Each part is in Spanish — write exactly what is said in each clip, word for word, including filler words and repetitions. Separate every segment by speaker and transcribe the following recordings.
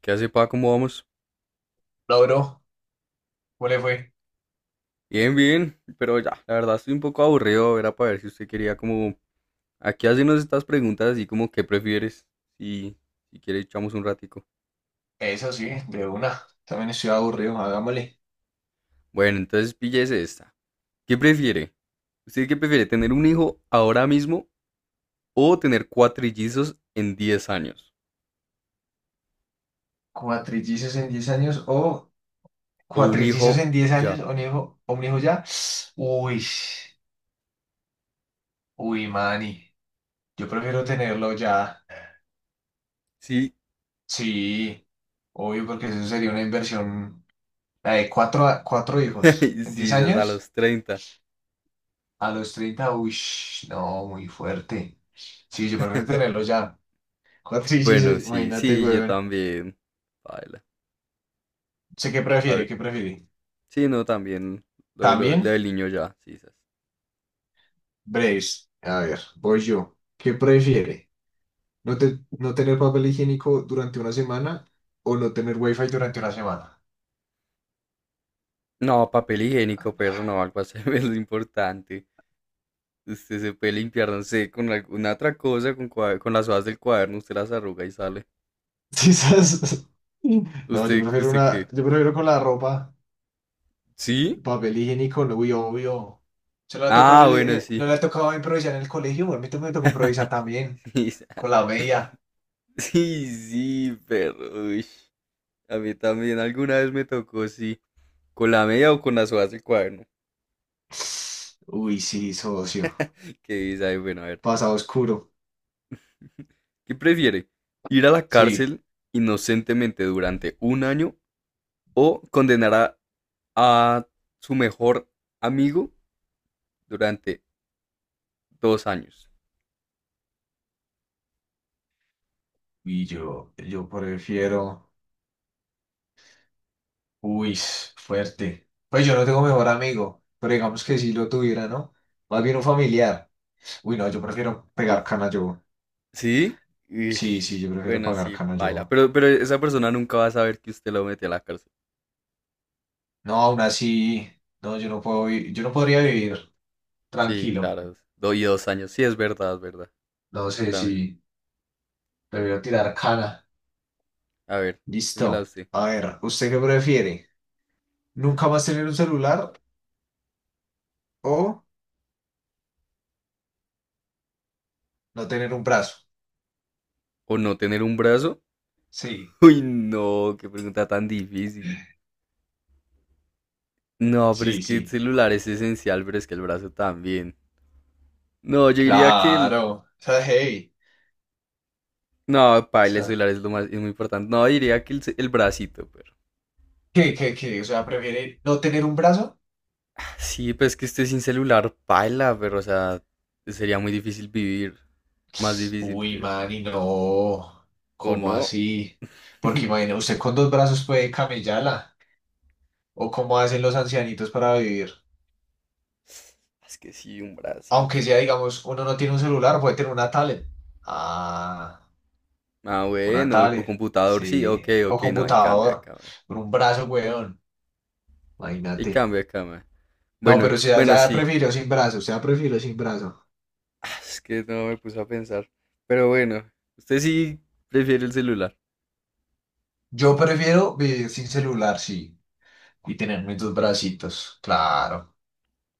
Speaker 1: ¿Qué hace, pa? ¿Cómo vamos?
Speaker 2: No, bro, ¿cómo le fue?
Speaker 1: Bien, bien, pero ya, la verdad estoy un poco aburrido, era para ver si usted quería como aquí hacernos estas preguntas así como ¿qué prefieres? Y si quiere echamos un ratico.
Speaker 2: Eso sí, de una. También estoy aburrido, hagámosle.
Speaker 1: Bueno, entonces píllese esta. ¿Qué prefiere? ¿Usted qué prefiere? ¿Tener un hijo ahora mismo o tener cuatrillizos en diez años?
Speaker 2: Cuatrillizos en diez años o
Speaker 1: O un
Speaker 2: cuatrillizos
Speaker 1: hijo
Speaker 2: en diez años
Speaker 1: ya.
Speaker 2: o un hijo, o un hijo ya. Uy, uy, mani. Yo prefiero tenerlo ya.
Speaker 1: Sí,
Speaker 2: Sí, obvio, porque eso sería una inversión. La de cuatro, a- cuatro hijos en
Speaker 1: sí,
Speaker 2: diez
Speaker 1: es a
Speaker 2: años
Speaker 1: los treinta.
Speaker 2: a los treinta. Uy, no, muy fuerte. Sí, yo prefiero tenerlo ya.
Speaker 1: Bueno,
Speaker 2: Cuatrillizos,
Speaker 1: sí,
Speaker 2: imagínate,
Speaker 1: sí, yo
Speaker 2: weón.
Speaker 1: también. Baila.
Speaker 2: ¿Sé qué
Speaker 1: A
Speaker 2: prefiere?
Speaker 1: ver,
Speaker 2: ¿Qué prefiere?
Speaker 1: sí, no, también lo, de lo- lo
Speaker 2: ¿También?
Speaker 1: del niño ya, sí, sas.
Speaker 2: Braves, a ver, voy yo. ¿Qué prefiere? ¿No, te- no tener papel higiénico durante una semana o no tener wifi durante una semana?
Speaker 1: No, papel higiénico, perro, no, algo así. Es lo importante. Usted se puede limpiar, no sé, con alguna otra cosa, con, cua- con las hojas del cuaderno, usted las arruga y sale.
Speaker 2: Quizás. No, yo
Speaker 1: ¿Usted,
Speaker 2: prefiero
Speaker 1: usted
Speaker 2: una,
Speaker 1: qué?
Speaker 2: yo prefiero con la ropa,
Speaker 1: ¿Sí?
Speaker 2: el papel higiénico, no, uy, obvio. Se lo ha tocado en
Speaker 1: Ah,
Speaker 2: el-
Speaker 1: bueno,
Speaker 2: eh, no
Speaker 1: sí.
Speaker 2: le ha tocado improvisar en el colegio, a mí también me tocó improvisar también,
Speaker 1: Sí, sas.
Speaker 2: con la media.
Speaker 1: Sí, sí, perro. Uy. A mí también alguna vez me tocó, sí. ¿Con la media o con las hojas del cuaderno?
Speaker 2: Uy, sí, socio.
Speaker 1: ¿Qué dice ahí? Bueno, a ver.
Speaker 2: Pasado oscuro.
Speaker 1: ¿Qué prefiere? ¿Ir a la
Speaker 2: Sí.
Speaker 1: cárcel inocentemente durante un año o condenar a a su mejor amigo durante dos años?
Speaker 2: Y yo, yo prefiero. Uy, fuerte. Pues yo no tengo mejor amigo, pero digamos que si lo tuviera, ¿no? Más bien un familiar. Uy, no, yo prefiero pegar cana yo.
Speaker 1: ¿Sí? Uy,
Speaker 2: Sí, sí, yo prefiero
Speaker 1: bueno,
Speaker 2: pagar
Speaker 1: sí,
Speaker 2: cana
Speaker 1: baila.
Speaker 2: yo.
Speaker 1: Pero, pero esa persona nunca va a saber que usted lo metió a la cárcel.
Speaker 2: No, aún así, no, yo no puedo, vi- yo no podría vivir
Speaker 1: Sí,
Speaker 2: tranquilo.
Speaker 1: claro. do- y dos años. Sí, es verdad, es verdad.
Speaker 2: No
Speaker 1: Yo
Speaker 2: sé si
Speaker 1: también.
Speaker 2: prefiero tirar cana.
Speaker 1: A ver, ¿qué me la
Speaker 2: Listo.
Speaker 1: usted?
Speaker 2: A ver, ¿usted qué prefiere? ¿Nunca más tener un celular o no tener un brazo?
Speaker 1: ¿O no tener un brazo?
Speaker 2: Sí,
Speaker 1: Uy, no, qué pregunta tan difícil. No, pero es
Speaker 2: sí,
Speaker 1: que el
Speaker 2: sí.
Speaker 1: celular es esencial, pero es que el brazo también. No, yo diría que el.
Speaker 2: Claro. O sea, hey.
Speaker 1: No, paila, el celular es lo más, es muy importante. No, diría que el, ce- el bracito, pero.
Speaker 2: ¿Qué, qué, qué? O sea, prefiere no tener un brazo.
Speaker 1: Sí, pues que estoy sin celular, paila, pero o sea, sería muy difícil vivir. Más difícil,
Speaker 2: Uy,
Speaker 1: creo.
Speaker 2: man, y no.
Speaker 1: ¿O
Speaker 2: ¿Cómo
Speaker 1: no?
Speaker 2: así? Porque imagina, usted con dos brazos puede camellarla. O cómo hacen los ancianitos para vivir.
Speaker 1: Es que sí, un
Speaker 2: Aunque
Speaker 1: bracito.
Speaker 2: sea, digamos, uno no tiene un celular, puede tener una tablet. Ah,
Speaker 1: Ah,
Speaker 2: una
Speaker 1: bueno, o
Speaker 2: tablet.
Speaker 1: computador, sí,
Speaker 2: Sí.
Speaker 1: ok,
Speaker 2: O
Speaker 1: ok, no, ahí cambia,
Speaker 2: computador.
Speaker 1: cambia.
Speaker 2: Con un brazo, weón.
Speaker 1: Ahí
Speaker 2: Imagínate.
Speaker 1: cambia, cambia.
Speaker 2: No,
Speaker 1: Bueno,
Speaker 2: pero o sea,
Speaker 1: bueno,
Speaker 2: ya
Speaker 1: sí.
Speaker 2: prefiero sin brazo. O sea, prefiero sin brazo.
Speaker 1: Ah, es que no me puse a pensar. Pero bueno, usted sí prefiere el celular.
Speaker 2: Yo prefiero vivir sin celular, sí. Y tener mis dos bracitos. Claro.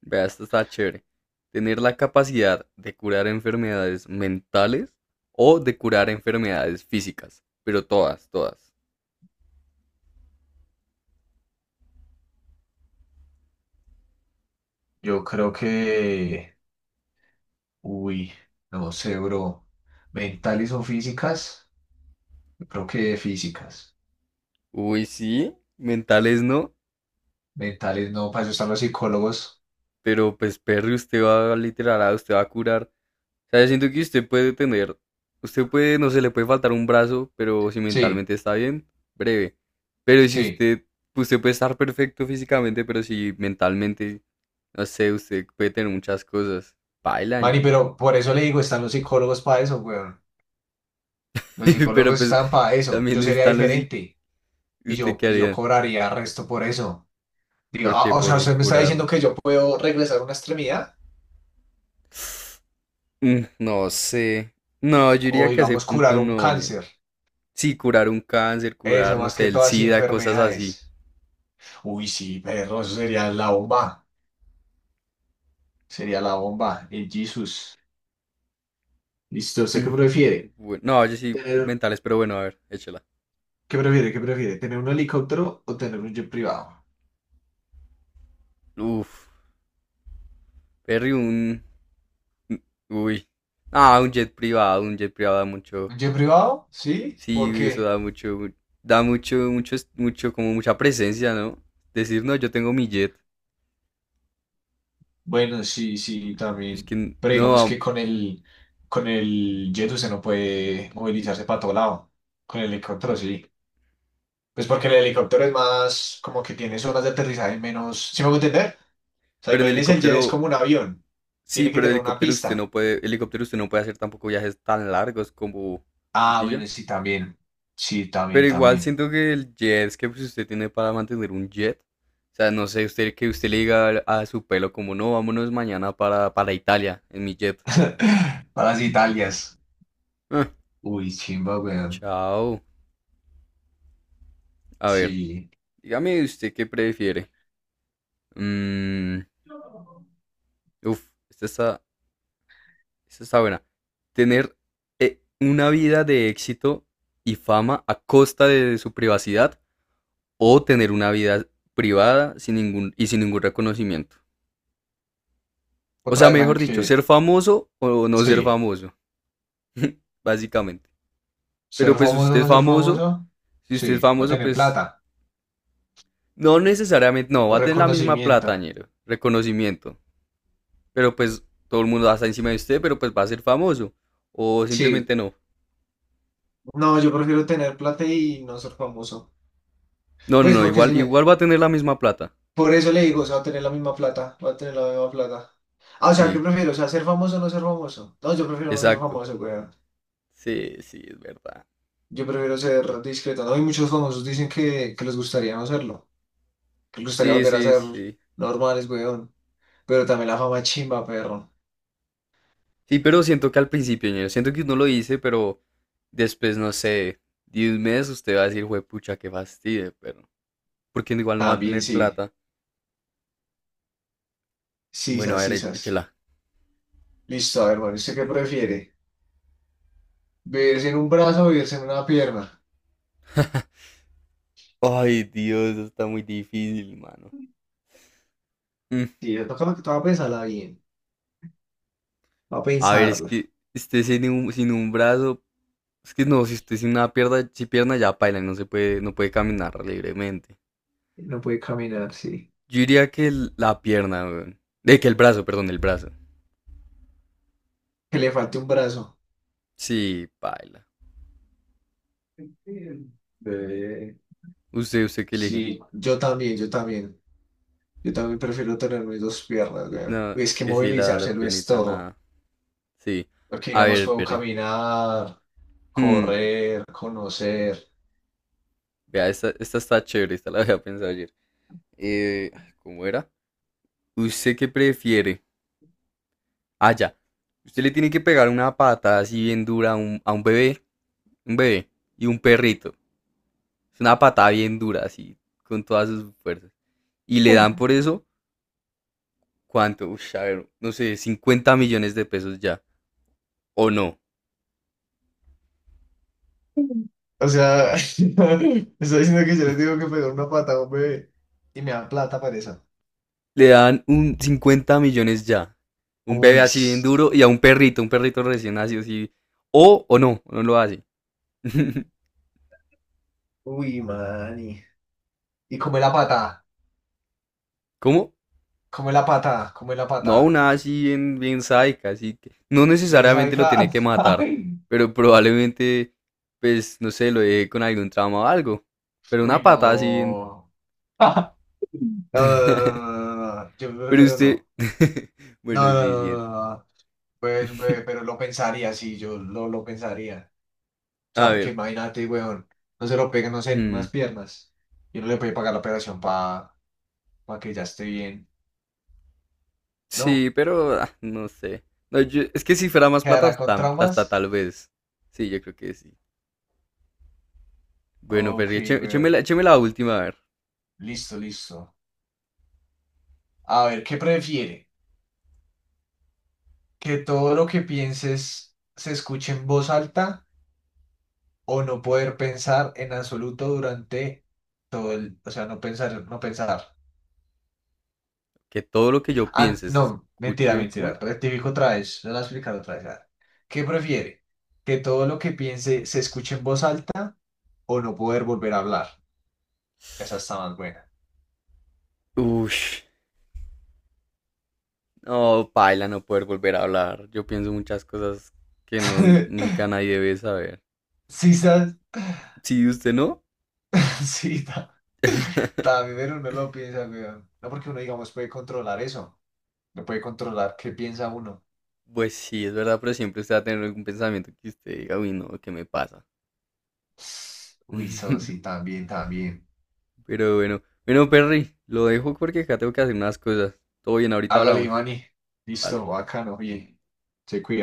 Speaker 1: Vea, esto está chévere. Tener la capacidad de curar enfermedades mentales o de curar enfermedades físicas. Pero todas, todas.
Speaker 2: Yo creo que, uy, no sé, bro. ¿Mentales o físicas? Yo creo que físicas.
Speaker 1: Uy, sí, mentales no.
Speaker 2: Mentales no, para eso están los psicólogos.
Speaker 1: Pero pues, perro, usted va a literal, ah, usted va a curar. O sea, yo siento que usted puede tener. Usted puede, no se le puede faltar un brazo, pero si
Speaker 2: Sí,
Speaker 1: mentalmente está bien, breve. Pero si
Speaker 2: sí.
Speaker 1: usted, usted puede estar perfecto físicamente, pero si mentalmente, no sé, usted puede tener muchas cosas. Paila,
Speaker 2: Mani,
Speaker 1: ñero.
Speaker 2: pero por eso le digo, están los psicólogos para eso, weón. Los
Speaker 1: Pero
Speaker 2: psicólogos
Speaker 1: pues
Speaker 2: están para eso. Yo
Speaker 1: también
Speaker 2: sería
Speaker 1: están los y
Speaker 2: diferente y
Speaker 1: usted
Speaker 2: yo,
Speaker 1: qué
Speaker 2: y yo
Speaker 1: haría.
Speaker 2: cobraría resto por eso. Digo, ah,
Speaker 1: Porque
Speaker 2: o sea,
Speaker 1: por
Speaker 2: usted me está
Speaker 1: curar.
Speaker 2: diciendo que yo puedo regresar una extremidad
Speaker 1: Mm, No sé. No, yo
Speaker 2: o,
Speaker 1: diría que a ese
Speaker 2: digamos, curar
Speaker 1: punto
Speaker 2: un
Speaker 1: no, ñera.
Speaker 2: cáncer.
Speaker 1: Sí, curar un cáncer,
Speaker 2: Eso,
Speaker 1: curar, no
Speaker 2: más
Speaker 1: sé,
Speaker 2: que
Speaker 1: el
Speaker 2: todas y
Speaker 1: SIDA, cosas así.
Speaker 2: enfermedades. Uy, sí, perro, eso sería la bomba. Sería la bomba, el Jesus. Listo, ¿usted qué prefiere?
Speaker 1: Bueno, no, yo sí,
Speaker 2: Tener,
Speaker 1: mentales, pero bueno, a ver, échela.
Speaker 2: ¿qué prefiere? ¿Qué prefiere? ¿Tener un helicóptero o tener un jet privado?
Speaker 1: Uf, Perry, un. Uy. Ah, un jet privado, un jet privado da mucho.
Speaker 2: ¿Un jet privado? Sí,
Speaker 1: Sí, eso
Speaker 2: porque
Speaker 1: da mucho. Da mucho, mucho, mucho, como mucha presencia, ¿no? Decir, no, yo tengo mi jet.
Speaker 2: bueno, sí, sí,
Speaker 1: Es
Speaker 2: también.
Speaker 1: que,
Speaker 2: Pero digamos
Speaker 1: no,
Speaker 2: que con el con el jet usted no puede movilizarse para todo lado. Con el helicóptero sí. Pues porque el helicóptero es más como que tiene zonas de aterrizaje menos. ¿Sí me voy a entender? O sea,
Speaker 1: pero en
Speaker 2: imagínese el jet es
Speaker 1: helicóptero.
Speaker 2: como un avión.
Speaker 1: Sí,
Speaker 2: Tiene que
Speaker 1: pero el
Speaker 2: tener una
Speaker 1: helicóptero usted
Speaker 2: pista.
Speaker 1: no puede, helicóptero usted no puede hacer tampoco viajes tan largos como si
Speaker 2: Ah,
Speaker 1: pilla.
Speaker 2: bueno, sí, también. Sí,
Speaker 1: Pero
Speaker 2: también,
Speaker 1: igual
Speaker 2: también.
Speaker 1: siento que el jet es que pues, usted tiene para mantener un jet. O sea, no sé, usted que usted le diga al- a su pelo como no, vámonos mañana para, para Italia en mi jet.
Speaker 2: Para las Italias.
Speaker 1: Ah,
Speaker 2: Uy, chimba, weón.
Speaker 1: chao. A ver,
Speaker 2: Sí.
Speaker 1: dígame usted qué prefiere. Mm, uf, esta está, esta está buena. Tener eh, una vida de éxito y fama a costa de su privacidad o tener una vida privada sin ningún, y sin ningún reconocimiento. O
Speaker 2: Otra
Speaker 1: sea,
Speaker 2: vez, man,
Speaker 1: mejor dicho, ser
Speaker 2: que
Speaker 1: famoso o no ser
Speaker 2: sí.
Speaker 1: famoso, básicamente.
Speaker 2: Ser
Speaker 1: Pero pues si
Speaker 2: famoso o
Speaker 1: usted es
Speaker 2: no ser
Speaker 1: famoso,
Speaker 2: famoso.
Speaker 1: si
Speaker 2: Sí.
Speaker 1: usted es
Speaker 2: O
Speaker 1: famoso,
Speaker 2: tener
Speaker 1: pues
Speaker 2: plata.
Speaker 1: no necesariamente, no, va
Speaker 2: O
Speaker 1: a tener la misma
Speaker 2: reconocimiento.
Speaker 1: plata, ñero, reconocimiento. Pero pues todo el mundo va a estar encima de usted, pero pues va a ser famoso. O
Speaker 2: Sí,
Speaker 1: simplemente no.
Speaker 2: no, yo prefiero tener plata y no ser famoso.
Speaker 1: No, no,
Speaker 2: Pues
Speaker 1: no,
Speaker 2: porque si
Speaker 1: igual,
Speaker 2: me,
Speaker 1: igual va a tener la misma plata.
Speaker 2: por eso le digo, o sea, va a tener la misma plata, va a tener la misma plata. Ah, o sea, ¿qué
Speaker 1: Sí,
Speaker 2: prefiero? O sea, ser famoso o no ser famoso. No, yo prefiero no ser
Speaker 1: exacto.
Speaker 2: famoso, weón.
Speaker 1: Sí, sí, es verdad.
Speaker 2: Yo prefiero ser discreto. No, y muchos famosos dicen que, que les gustaría no serlo, que les gustaría
Speaker 1: Sí,
Speaker 2: volver a
Speaker 1: sí,
Speaker 2: ser
Speaker 1: sí.
Speaker 2: normales, weón. Pero también la fama chimba, perro.
Speaker 1: Sí, pero siento que al principio, ñero, siento que uno lo dice, pero después, no sé, diez meses usted va a decir, juepucha qué fastidio, pero. Porque igual no va a
Speaker 2: También
Speaker 1: tener
Speaker 2: sí.
Speaker 1: plata. Bueno,
Speaker 2: Sisas,
Speaker 1: a ver, e-
Speaker 2: sisas.
Speaker 1: échela.
Speaker 2: Listo, a ver, bueno, ¿usted qué prefiere? ¿Beberse en un brazo o beberse en una pierna?
Speaker 1: Ay, Dios, eso está muy difícil, mano. Mm,
Speaker 2: Sí, le toca lo que te va a pensarla bien. Va a
Speaker 1: A ver, es
Speaker 2: pensarla.
Speaker 1: que usted sin un, sin un brazo. Es que no, si usted sin una pierna, si pierna ya paila, no se puede, no puede caminar libremente.
Speaker 2: No puede caminar, sí.
Speaker 1: Yo diría que el- la pierna, weón. De que el brazo, perdón, el brazo.
Speaker 2: Que le falte un brazo.
Speaker 1: Sí, paila.
Speaker 2: Eh,
Speaker 1: Usted, usted qué elige.
Speaker 2: sí, yo también, yo también. Yo también prefiero tener mis dos piernas, weón.
Speaker 1: No,
Speaker 2: Es
Speaker 1: es
Speaker 2: que
Speaker 1: que sí, la, la
Speaker 2: movilizarse lo es
Speaker 1: piernita,
Speaker 2: todo.
Speaker 1: nada. Sí.
Speaker 2: Porque,
Speaker 1: A
Speaker 2: digamos,
Speaker 1: ver,
Speaker 2: puedo
Speaker 1: Perry.
Speaker 2: caminar,
Speaker 1: Hmm.
Speaker 2: correr, conocer.
Speaker 1: Vea, esta, esta está chévere, esta la había pensado ayer. Eh, ay, ¿cómo era? ¿Usted qué prefiere? Ah, ya. Usted le tiene que pegar una patada así bien dura a un, a un bebé, un bebé y un perrito. Es una patada bien dura, así, con todas sus fuerzas. Y le dan por eso, ¿cuánto? Ush, a ver, no sé, cincuenta millones de pesos ya. ¿O no?
Speaker 2: O sea, estoy diciendo que yo les digo que pegar una pata a un bebé y me dan plata para eso.
Speaker 1: Le dan un cincuenta millones ya. Un bebé
Speaker 2: Uy,
Speaker 1: así bien duro y a un perrito, un perrito recién nacido así. O, o no, o no lo hace.
Speaker 2: uy, mani. Y come la pata,
Speaker 1: ¿Cómo?
Speaker 2: come la pata, come la
Speaker 1: No,
Speaker 2: pata.
Speaker 1: una así bien, bien sádica, así que no
Speaker 2: Me sabe
Speaker 1: necesariamente lo tiene
Speaker 2: ca-
Speaker 1: que matar,
Speaker 2: Ay,
Speaker 1: pero probablemente, pues, no sé, lo deje con algún trauma o algo. Pero una
Speaker 2: uy,
Speaker 1: patada así bien.
Speaker 2: no. No, no, no, no, no, no, no. Yo
Speaker 1: Pero
Speaker 2: prefiero
Speaker 1: usted.
Speaker 2: no.
Speaker 1: Bueno,
Speaker 2: No, no,
Speaker 1: sí,
Speaker 2: no, no,
Speaker 1: sí.
Speaker 2: no, no. Pues, ve, pero lo pensaría, sí, yo lo, lo pensaría. O sea,
Speaker 1: A
Speaker 2: porque
Speaker 1: ver.
Speaker 2: imagínate, weón, no se lo pegan, no sé, en unas
Speaker 1: Mm,
Speaker 2: piernas. Y uno le puede pagar la operación para para que ya esté bien. No,
Speaker 1: sí, pero ah, no sé. No, yo- es que si fuera más plata,
Speaker 2: ¿quedará con
Speaker 1: hasta, hasta,
Speaker 2: traumas?
Speaker 1: tal vez. Sí, yo creo que sí. Bueno, pero
Speaker 2: Ok,
Speaker 1: eche- écheme, la,
Speaker 2: weón.
Speaker 1: écheme la última, a ver.
Speaker 2: Listo, listo. A ver, ¿qué prefiere? ¿Que todo lo que pienses se escuche en voz alta o no poder pensar en absoluto durante todo el... O sea, no pensar, no pensar.
Speaker 1: Que todo lo que yo
Speaker 2: Ah,
Speaker 1: piense se
Speaker 2: no, mentira,
Speaker 1: escuche. ¿Cómo
Speaker 2: mentira.
Speaker 1: es?
Speaker 2: Rectifico otra vez. Se lo voy a explicar otra vez. A ver, ¿qué prefiere? ¿Que todo lo que piense se escuche en voz alta o no poder volver a hablar? Esa está más buena.
Speaker 1: Ush. No, paila, no poder volver a hablar. Yo pienso muchas cosas que no, nunca nadie debe saber.
Speaker 2: Sí, ¿sabes?
Speaker 1: Sí, usted no.
Speaker 2: Sí, ta- también, pero uno lo piensa, weón. No porque uno, digamos, puede controlar eso. No puede controlar qué piensa uno.
Speaker 1: Pues sí, es verdad, pero siempre usted va a tener algún pensamiento que usted diga, uy, no, ¿qué me pasa?
Speaker 2: Uy, eso sí, también, también.
Speaker 1: Pero bueno, bueno, Perry, lo dejo porque acá tengo que hacer unas cosas. Todo bien, ahorita
Speaker 2: Hágale,
Speaker 1: hablamos.
Speaker 2: Manny. Listo,
Speaker 1: Dale.
Speaker 2: bacano, bien. Se cuida.